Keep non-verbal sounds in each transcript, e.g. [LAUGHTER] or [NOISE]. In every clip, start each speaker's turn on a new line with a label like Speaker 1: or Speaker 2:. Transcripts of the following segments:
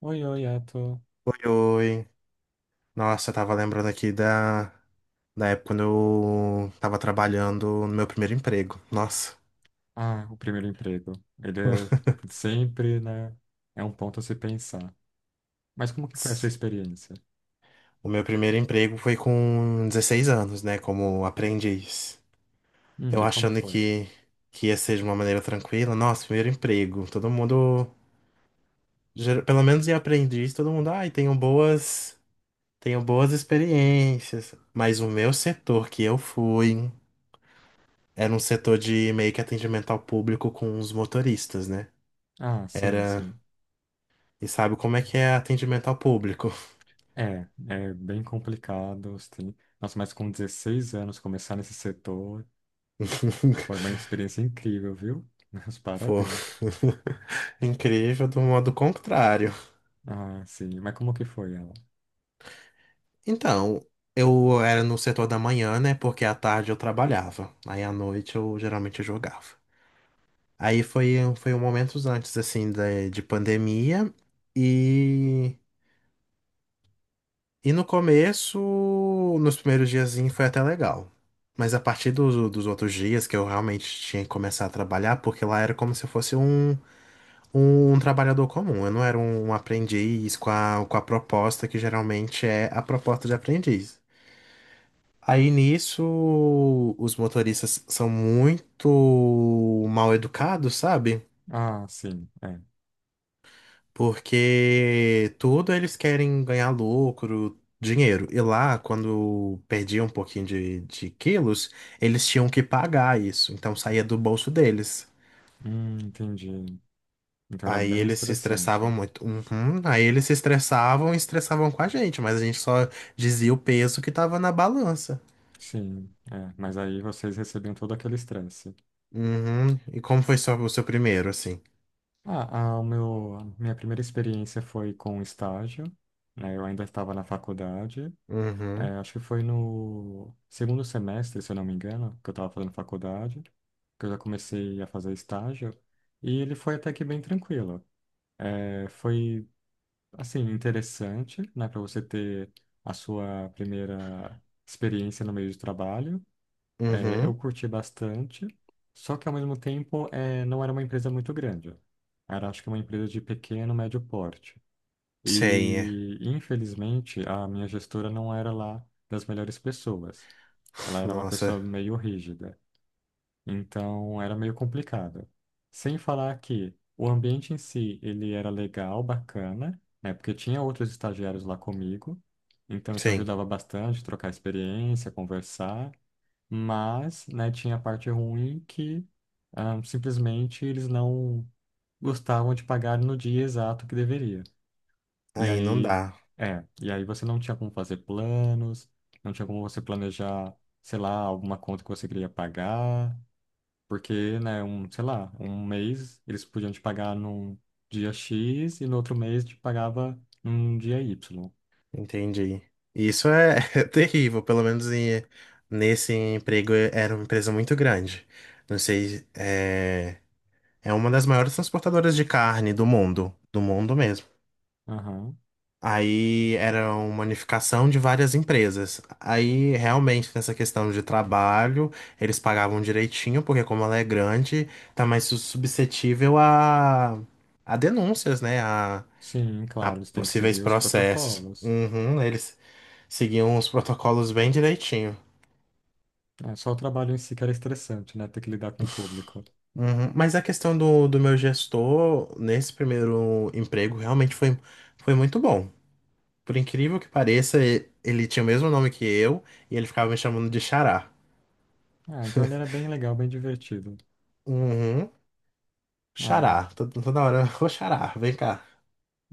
Speaker 1: Oi, oi, Yato.
Speaker 2: Oi, oi. Nossa, eu tava lembrando aqui da época quando eu tava trabalhando no meu primeiro emprego. Nossa.
Speaker 1: Ah, o primeiro emprego. Ele é sempre, né? É um ponto a se pensar. Mas como que foi a sua
Speaker 2: Tss.
Speaker 1: experiência?
Speaker 2: O meu primeiro emprego foi com 16 anos, né? Como aprendiz. Eu
Speaker 1: E como
Speaker 2: achando
Speaker 1: foi?
Speaker 2: que ia ser de uma maneira tranquila. Nossa, primeiro emprego. Todo mundo, pelo menos em aprendiz, todo mundo, ai, tenho boas experiências. Mas o meu setor que eu fui era um setor de meio que atendimento ao público com os motoristas, né?
Speaker 1: Ah, sim,
Speaker 2: Era.
Speaker 1: sim.
Speaker 2: E sabe como é que é atendimento ao público?
Speaker 1: É, é bem complicado. Sim. Nossa, mas com 16 anos começar nesse setor foi uma
Speaker 2: [LAUGHS]
Speaker 1: experiência incrível, viu? [LAUGHS] Meus
Speaker 2: Foi
Speaker 1: parabéns.
Speaker 2: [LAUGHS] incrível do modo contrário.
Speaker 1: Ah, sim. Mas como que foi ela?
Speaker 2: Então, eu era no setor da manhã, né? Porque à tarde eu trabalhava. Aí à noite eu geralmente jogava. Aí foi um momentos antes, assim, de pandemia. E, e no começo, nos primeiros dias, foi até legal. Mas a partir dos outros dias que eu realmente tinha que começar a trabalhar, porque lá era como se fosse um trabalhador comum. Eu não era um aprendiz com a proposta que geralmente é a proposta de aprendiz. Aí nisso, os motoristas são muito mal educados, sabe?
Speaker 1: Ah, sim, é.
Speaker 2: Porque tudo eles querem ganhar lucro, dinheiro. E lá, quando perdiam um pouquinho de quilos, eles tinham que pagar isso. Então saía do bolso deles.
Speaker 1: Entendi. Então era
Speaker 2: Aí
Speaker 1: bem
Speaker 2: eles se estressavam
Speaker 1: estressante.
Speaker 2: muito. Uhum. Aí eles se estressavam e estressavam com a gente, mas a gente só dizia o peso que tava na balança.
Speaker 1: Sim, é. Mas aí vocês recebiam todo aquele estresse.
Speaker 2: Uhum. E como foi só o seu primeiro, assim?
Speaker 1: Ah, a minha primeira experiência foi com estágio, né? Eu ainda estava na faculdade, é,
Speaker 2: Uhum.
Speaker 1: acho que foi no segundo semestre, se eu não me engano, que eu estava fazendo faculdade, que eu já comecei a fazer estágio, e ele foi até que bem tranquilo. É, foi, assim, interessante, né, para você ter a sua primeira experiência no meio de trabalho, é, eu
Speaker 2: Uhum.
Speaker 1: curti bastante, só que ao mesmo tempo é, não era uma empresa muito grande. Era, acho que, uma empresa de pequeno, médio porte.
Speaker 2: Sei, é.
Speaker 1: E, infelizmente, a minha gestora não era lá das melhores pessoas. Ela era uma
Speaker 2: Nossa,
Speaker 1: pessoa meio rígida, então era meio complicado. Sem falar que o ambiente em si, ele era legal, bacana, né? Porque tinha outros estagiários lá comigo, então isso
Speaker 2: sim.
Speaker 1: ajudava bastante, trocar experiência, conversar. Mas, né, tinha a parte ruim que ah, simplesmente eles não gostavam de pagar no dia exato que deveria. E
Speaker 2: Aí não
Speaker 1: aí,
Speaker 2: dá.
Speaker 1: é, e aí você não tinha como fazer planos, não tinha como você planejar, sei lá, alguma conta que você queria pagar, porque, né, um, sei lá, um mês eles podiam te pagar num dia X e no outro mês te pagava num dia Y.
Speaker 2: Entendi. Isso é, [LAUGHS] é terrível, pelo menos nesse emprego era uma empresa muito grande. Não sei, é uma das maiores transportadoras de carne do mundo mesmo.
Speaker 1: Aham.
Speaker 2: Aí era uma unificação de várias empresas. Aí realmente nessa questão de trabalho, eles pagavam direitinho, porque como ela é grande, tá mais suscetível a, denúncias, né?
Speaker 1: Sim,
Speaker 2: A
Speaker 1: claro, eles têm que
Speaker 2: possíveis
Speaker 1: seguir os
Speaker 2: processos.
Speaker 1: protocolos.
Speaker 2: Uhum, eles seguiam os protocolos bem direitinho.
Speaker 1: É, só o trabalho em si que era estressante, né? Ter que lidar com o público.
Speaker 2: Uhum. Mas a questão do meu gestor nesse primeiro emprego realmente foi muito bom. Por incrível que pareça, ele tinha o mesmo nome que eu e ele ficava me chamando de Xará.
Speaker 1: Ah, então ele era bem legal, bem divertido.
Speaker 2: Uhum.
Speaker 1: Ah,
Speaker 2: Xará. Toda hora, [LAUGHS] ô xará, vem cá.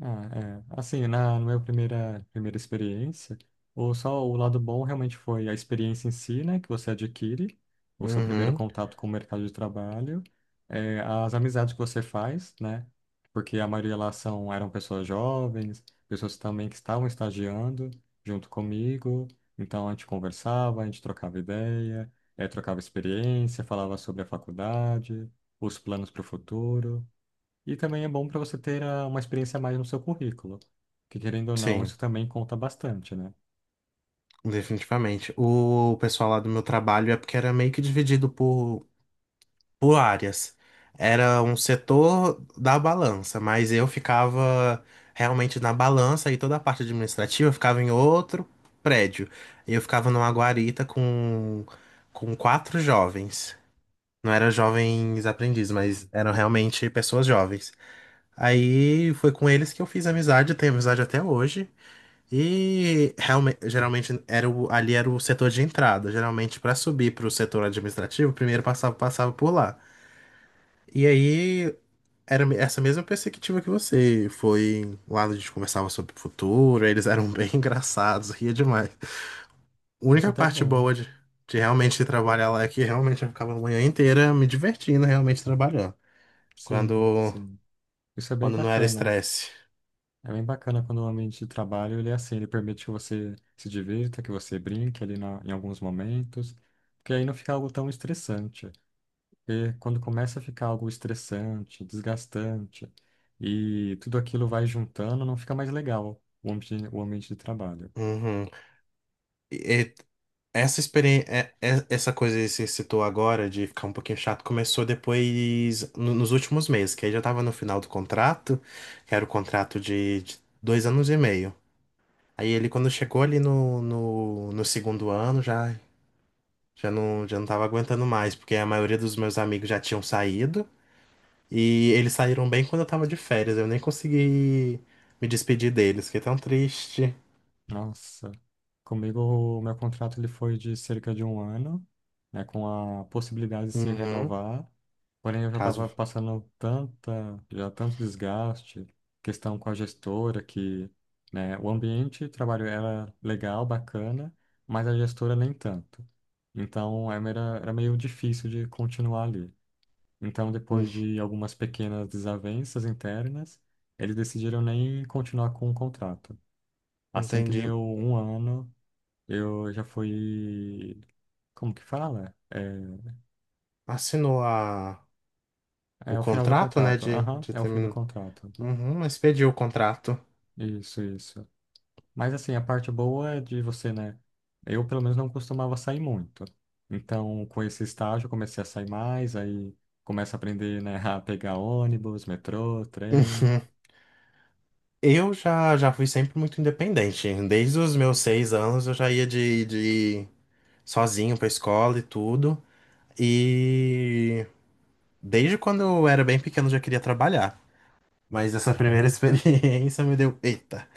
Speaker 1: Ah, é. Assim, na minha primeira experiência, só o lado bom realmente foi a experiência em si, né, que você adquire, o seu primeiro
Speaker 2: Uhum.
Speaker 1: contato com o mercado de trabalho, é, as amizades que você faz, né, porque a maioria lá são, eram pessoas jovens, pessoas também que estavam estagiando junto comigo, então a gente conversava, a gente trocava ideia, é, trocava experiência, falava sobre a faculdade, os planos para o futuro. E também é bom para você ter ah, uma experiência a mais no seu currículo, que querendo ou não,
Speaker 2: Sim,
Speaker 1: isso também conta bastante, né?
Speaker 2: definitivamente. O pessoal lá do meu trabalho é porque era meio que dividido por áreas. Era um setor da balança, mas eu ficava realmente na balança e toda a parte administrativa ficava em outro prédio. Eu ficava numa guarita com quatro jovens. Não eram jovens aprendizes, mas eram realmente pessoas jovens. Aí foi com eles que eu fiz amizade, tenho amizade até hoje. E realmente, geralmente ali era o setor de entrada. Geralmente para subir para o setor administrativo, primeiro passava por lá. E aí era essa mesma perspectiva que você. Foi lá a gente conversava sobre o futuro, eles eram bem [LAUGHS] engraçados, ria demais. A
Speaker 1: Isso
Speaker 2: única
Speaker 1: até é
Speaker 2: parte
Speaker 1: bom.
Speaker 2: boa de realmente trabalhar lá é que realmente eu ficava a manhã inteira me divertindo, realmente trabalhando.
Speaker 1: Sim,
Speaker 2: Quando,
Speaker 1: sim. Isso é bem
Speaker 2: quando não era
Speaker 1: bacana.
Speaker 2: estresse.
Speaker 1: É bem bacana quando o ambiente de trabalho ele é assim, ele permite que você se divirta, que você brinque ali em alguns momentos, porque aí não fica algo tão estressante. Porque quando começa a ficar algo estressante, desgastante, e tudo aquilo vai juntando, não fica mais legal o ambiente de trabalho.
Speaker 2: Uhum. E, Essa experiência, essa coisa que você citou agora de ficar um pouquinho chato começou depois, nos últimos meses, que aí já tava no final do contrato, que era o contrato de 2 anos e meio. Aí ele, quando chegou ali no segundo ano, já não tava aguentando mais, porque a maioria dos meus amigos já tinham saído, e eles saíram bem quando eu tava de férias, eu nem consegui me despedir deles, fiquei tão triste.
Speaker 1: Nossa, comigo o meu contrato ele foi de cerca de um ano, né, com a possibilidade de se
Speaker 2: Uhum,
Speaker 1: renovar. Porém, eu já estava
Speaker 2: caso.
Speaker 1: passando já tanto desgaste, questão com a gestora que, né, o ambiente de trabalho era legal, bacana, mas a gestora nem tanto. Então, é, era meio difícil de continuar ali. Então,
Speaker 2: Hum.
Speaker 1: depois de algumas pequenas desavenças internas, eles decidiram nem continuar com o contrato. Assim que
Speaker 2: Entendi.
Speaker 1: deu um ano, eu já fui. Como que fala? É,
Speaker 2: Assinou a.
Speaker 1: é
Speaker 2: O
Speaker 1: o final do
Speaker 2: contrato, né?
Speaker 1: contrato. Aham,
Speaker 2: De
Speaker 1: é o fim do
Speaker 2: terminar.
Speaker 1: contrato.
Speaker 2: Uhum, expediu o contrato.
Speaker 1: Isso, isso. Mas assim, a parte boa é de você, né? Eu, pelo menos, não costumava sair muito. Então, com esse estágio, eu comecei a sair mais, aí começa a aprender, né, [LAUGHS] a pegar ônibus, metrô, trem.
Speaker 2: Uhum. Eu já fui sempre muito independente. Desde os meus 6 anos eu já ia de sozinho pra escola e tudo. E desde quando eu era bem pequeno eu já queria trabalhar. Mas essa primeira [LAUGHS] experiência me deu, eita,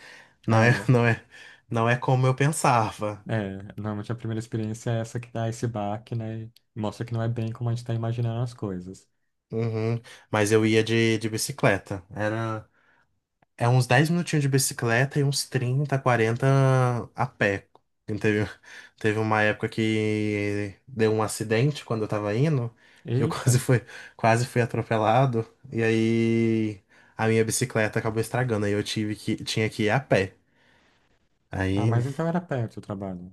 Speaker 2: não
Speaker 1: Ah,
Speaker 2: é,
Speaker 1: é.
Speaker 2: não é, não é como eu pensava.
Speaker 1: É, normalmente a primeira experiência é essa que dá esse baque, né? E mostra que não é bem como a gente tá imaginando as coisas.
Speaker 2: Uhum. Mas eu ia de bicicleta. Era É uns 10 minutinhos de bicicleta e uns 30, 40 a pé. E [LAUGHS] teve uma época que deu um acidente quando eu tava indo, que eu [LAUGHS]
Speaker 1: Eita!
Speaker 2: quase fui atropelado, e aí a minha bicicleta acabou estragando, aí eu tinha que ir a pé.
Speaker 1: Ah,
Speaker 2: Aí
Speaker 1: mas então era perto o trabalho.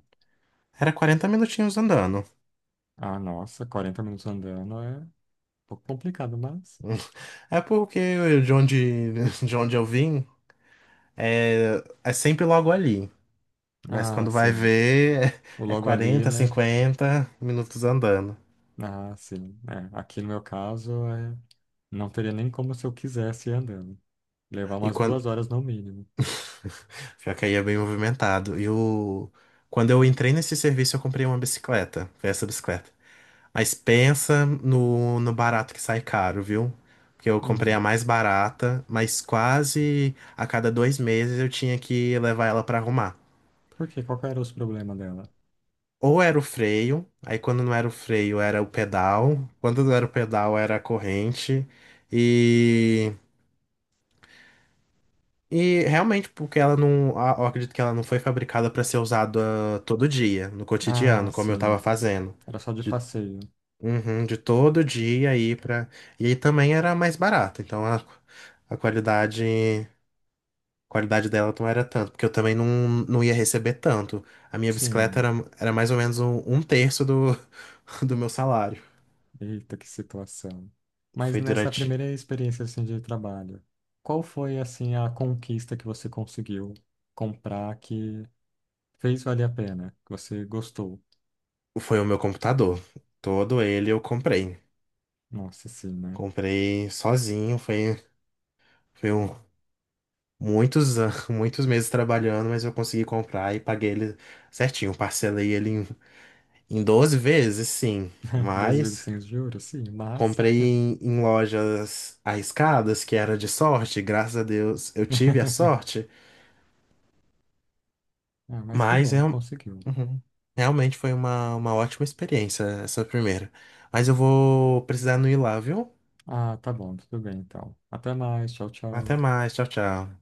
Speaker 2: era 40 minutinhos andando.
Speaker 1: Ah, nossa, 40 minutos andando é um pouco complicado, mas.
Speaker 2: [LAUGHS] É porque [LAUGHS] de onde eu vim é sempre logo ali. Mas
Speaker 1: Ah,
Speaker 2: quando vai
Speaker 1: sim.
Speaker 2: ver,
Speaker 1: O
Speaker 2: [LAUGHS] é
Speaker 1: logo ali,
Speaker 2: 40,
Speaker 1: né?
Speaker 2: 50 minutos andando.
Speaker 1: Ah, sim. É, aqui no meu caso, é... não teria nem como se eu quisesse ir andando. Levar
Speaker 2: E
Speaker 1: umas
Speaker 2: quando.
Speaker 1: 2 horas no mínimo.
Speaker 2: [LAUGHS] Pior que aí é bem movimentado. Quando eu entrei nesse serviço, eu comprei uma bicicleta. Foi essa bicicleta. Mas pensa no barato que sai caro, viu? Porque eu comprei a
Speaker 1: Hum,
Speaker 2: mais barata, mas quase a cada 2 meses eu tinha que levar ela pra arrumar.
Speaker 1: por quê? Qual que era os problemas dela?
Speaker 2: Ou era o freio, aí quando não era o freio era o pedal, quando não era o pedal era a corrente, e realmente, porque ela não. Eu acredito que ela não foi fabricada para ser usada todo dia, no
Speaker 1: Ah,
Speaker 2: cotidiano, como eu tava
Speaker 1: sim.
Speaker 2: fazendo.
Speaker 1: Era só de
Speaker 2: De,
Speaker 1: passeio.
Speaker 2: uhum, de todo dia aí para. E aí também era mais barata, então a qualidade. A qualidade dela não era tanto, porque eu também não ia receber tanto. A minha bicicleta
Speaker 1: Sim.
Speaker 2: era mais ou menos um terço do, [LAUGHS] do meu salário.
Speaker 1: Eita, que situação. Mas
Speaker 2: Foi
Speaker 1: nessa
Speaker 2: durante.
Speaker 1: primeira experiência assim, de trabalho, qual foi assim a conquista que você conseguiu comprar que fez valer a pena, que você gostou?
Speaker 2: Foi o meu computador. Todo ele eu comprei.
Speaker 1: Nossa, sim, né?
Speaker 2: Comprei sozinho, foi. Foi um. [LAUGHS] Muitos meses trabalhando, mas eu consegui comprar e paguei ele certinho. Parcelei ele em 12 vezes, sim,
Speaker 1: [LAUGHS] 12 vezes
Speaker 2: mas
Speaker 1: sem os juros, sim, mas...
Speaker 2: comprei em lojas arriscadas, que era de sorte, graças a Deus eu tive a
Speaker 1: [LAUGHS]
Speaker 2: sorte,
Speaker 1: Ah, mas que
Speaker 2: mas
Speaker 1: bom, conseguiu.
Speaker 2: uhum, realmente foi uma ótima experiência essa primeira. Mas eu vou precisar não ir lá, viu?
Speaker 1: Ah, tá bom, tudo bem então. Até mais, tchau, tchau.
Speaker 2: Até mais, tchau, tchau.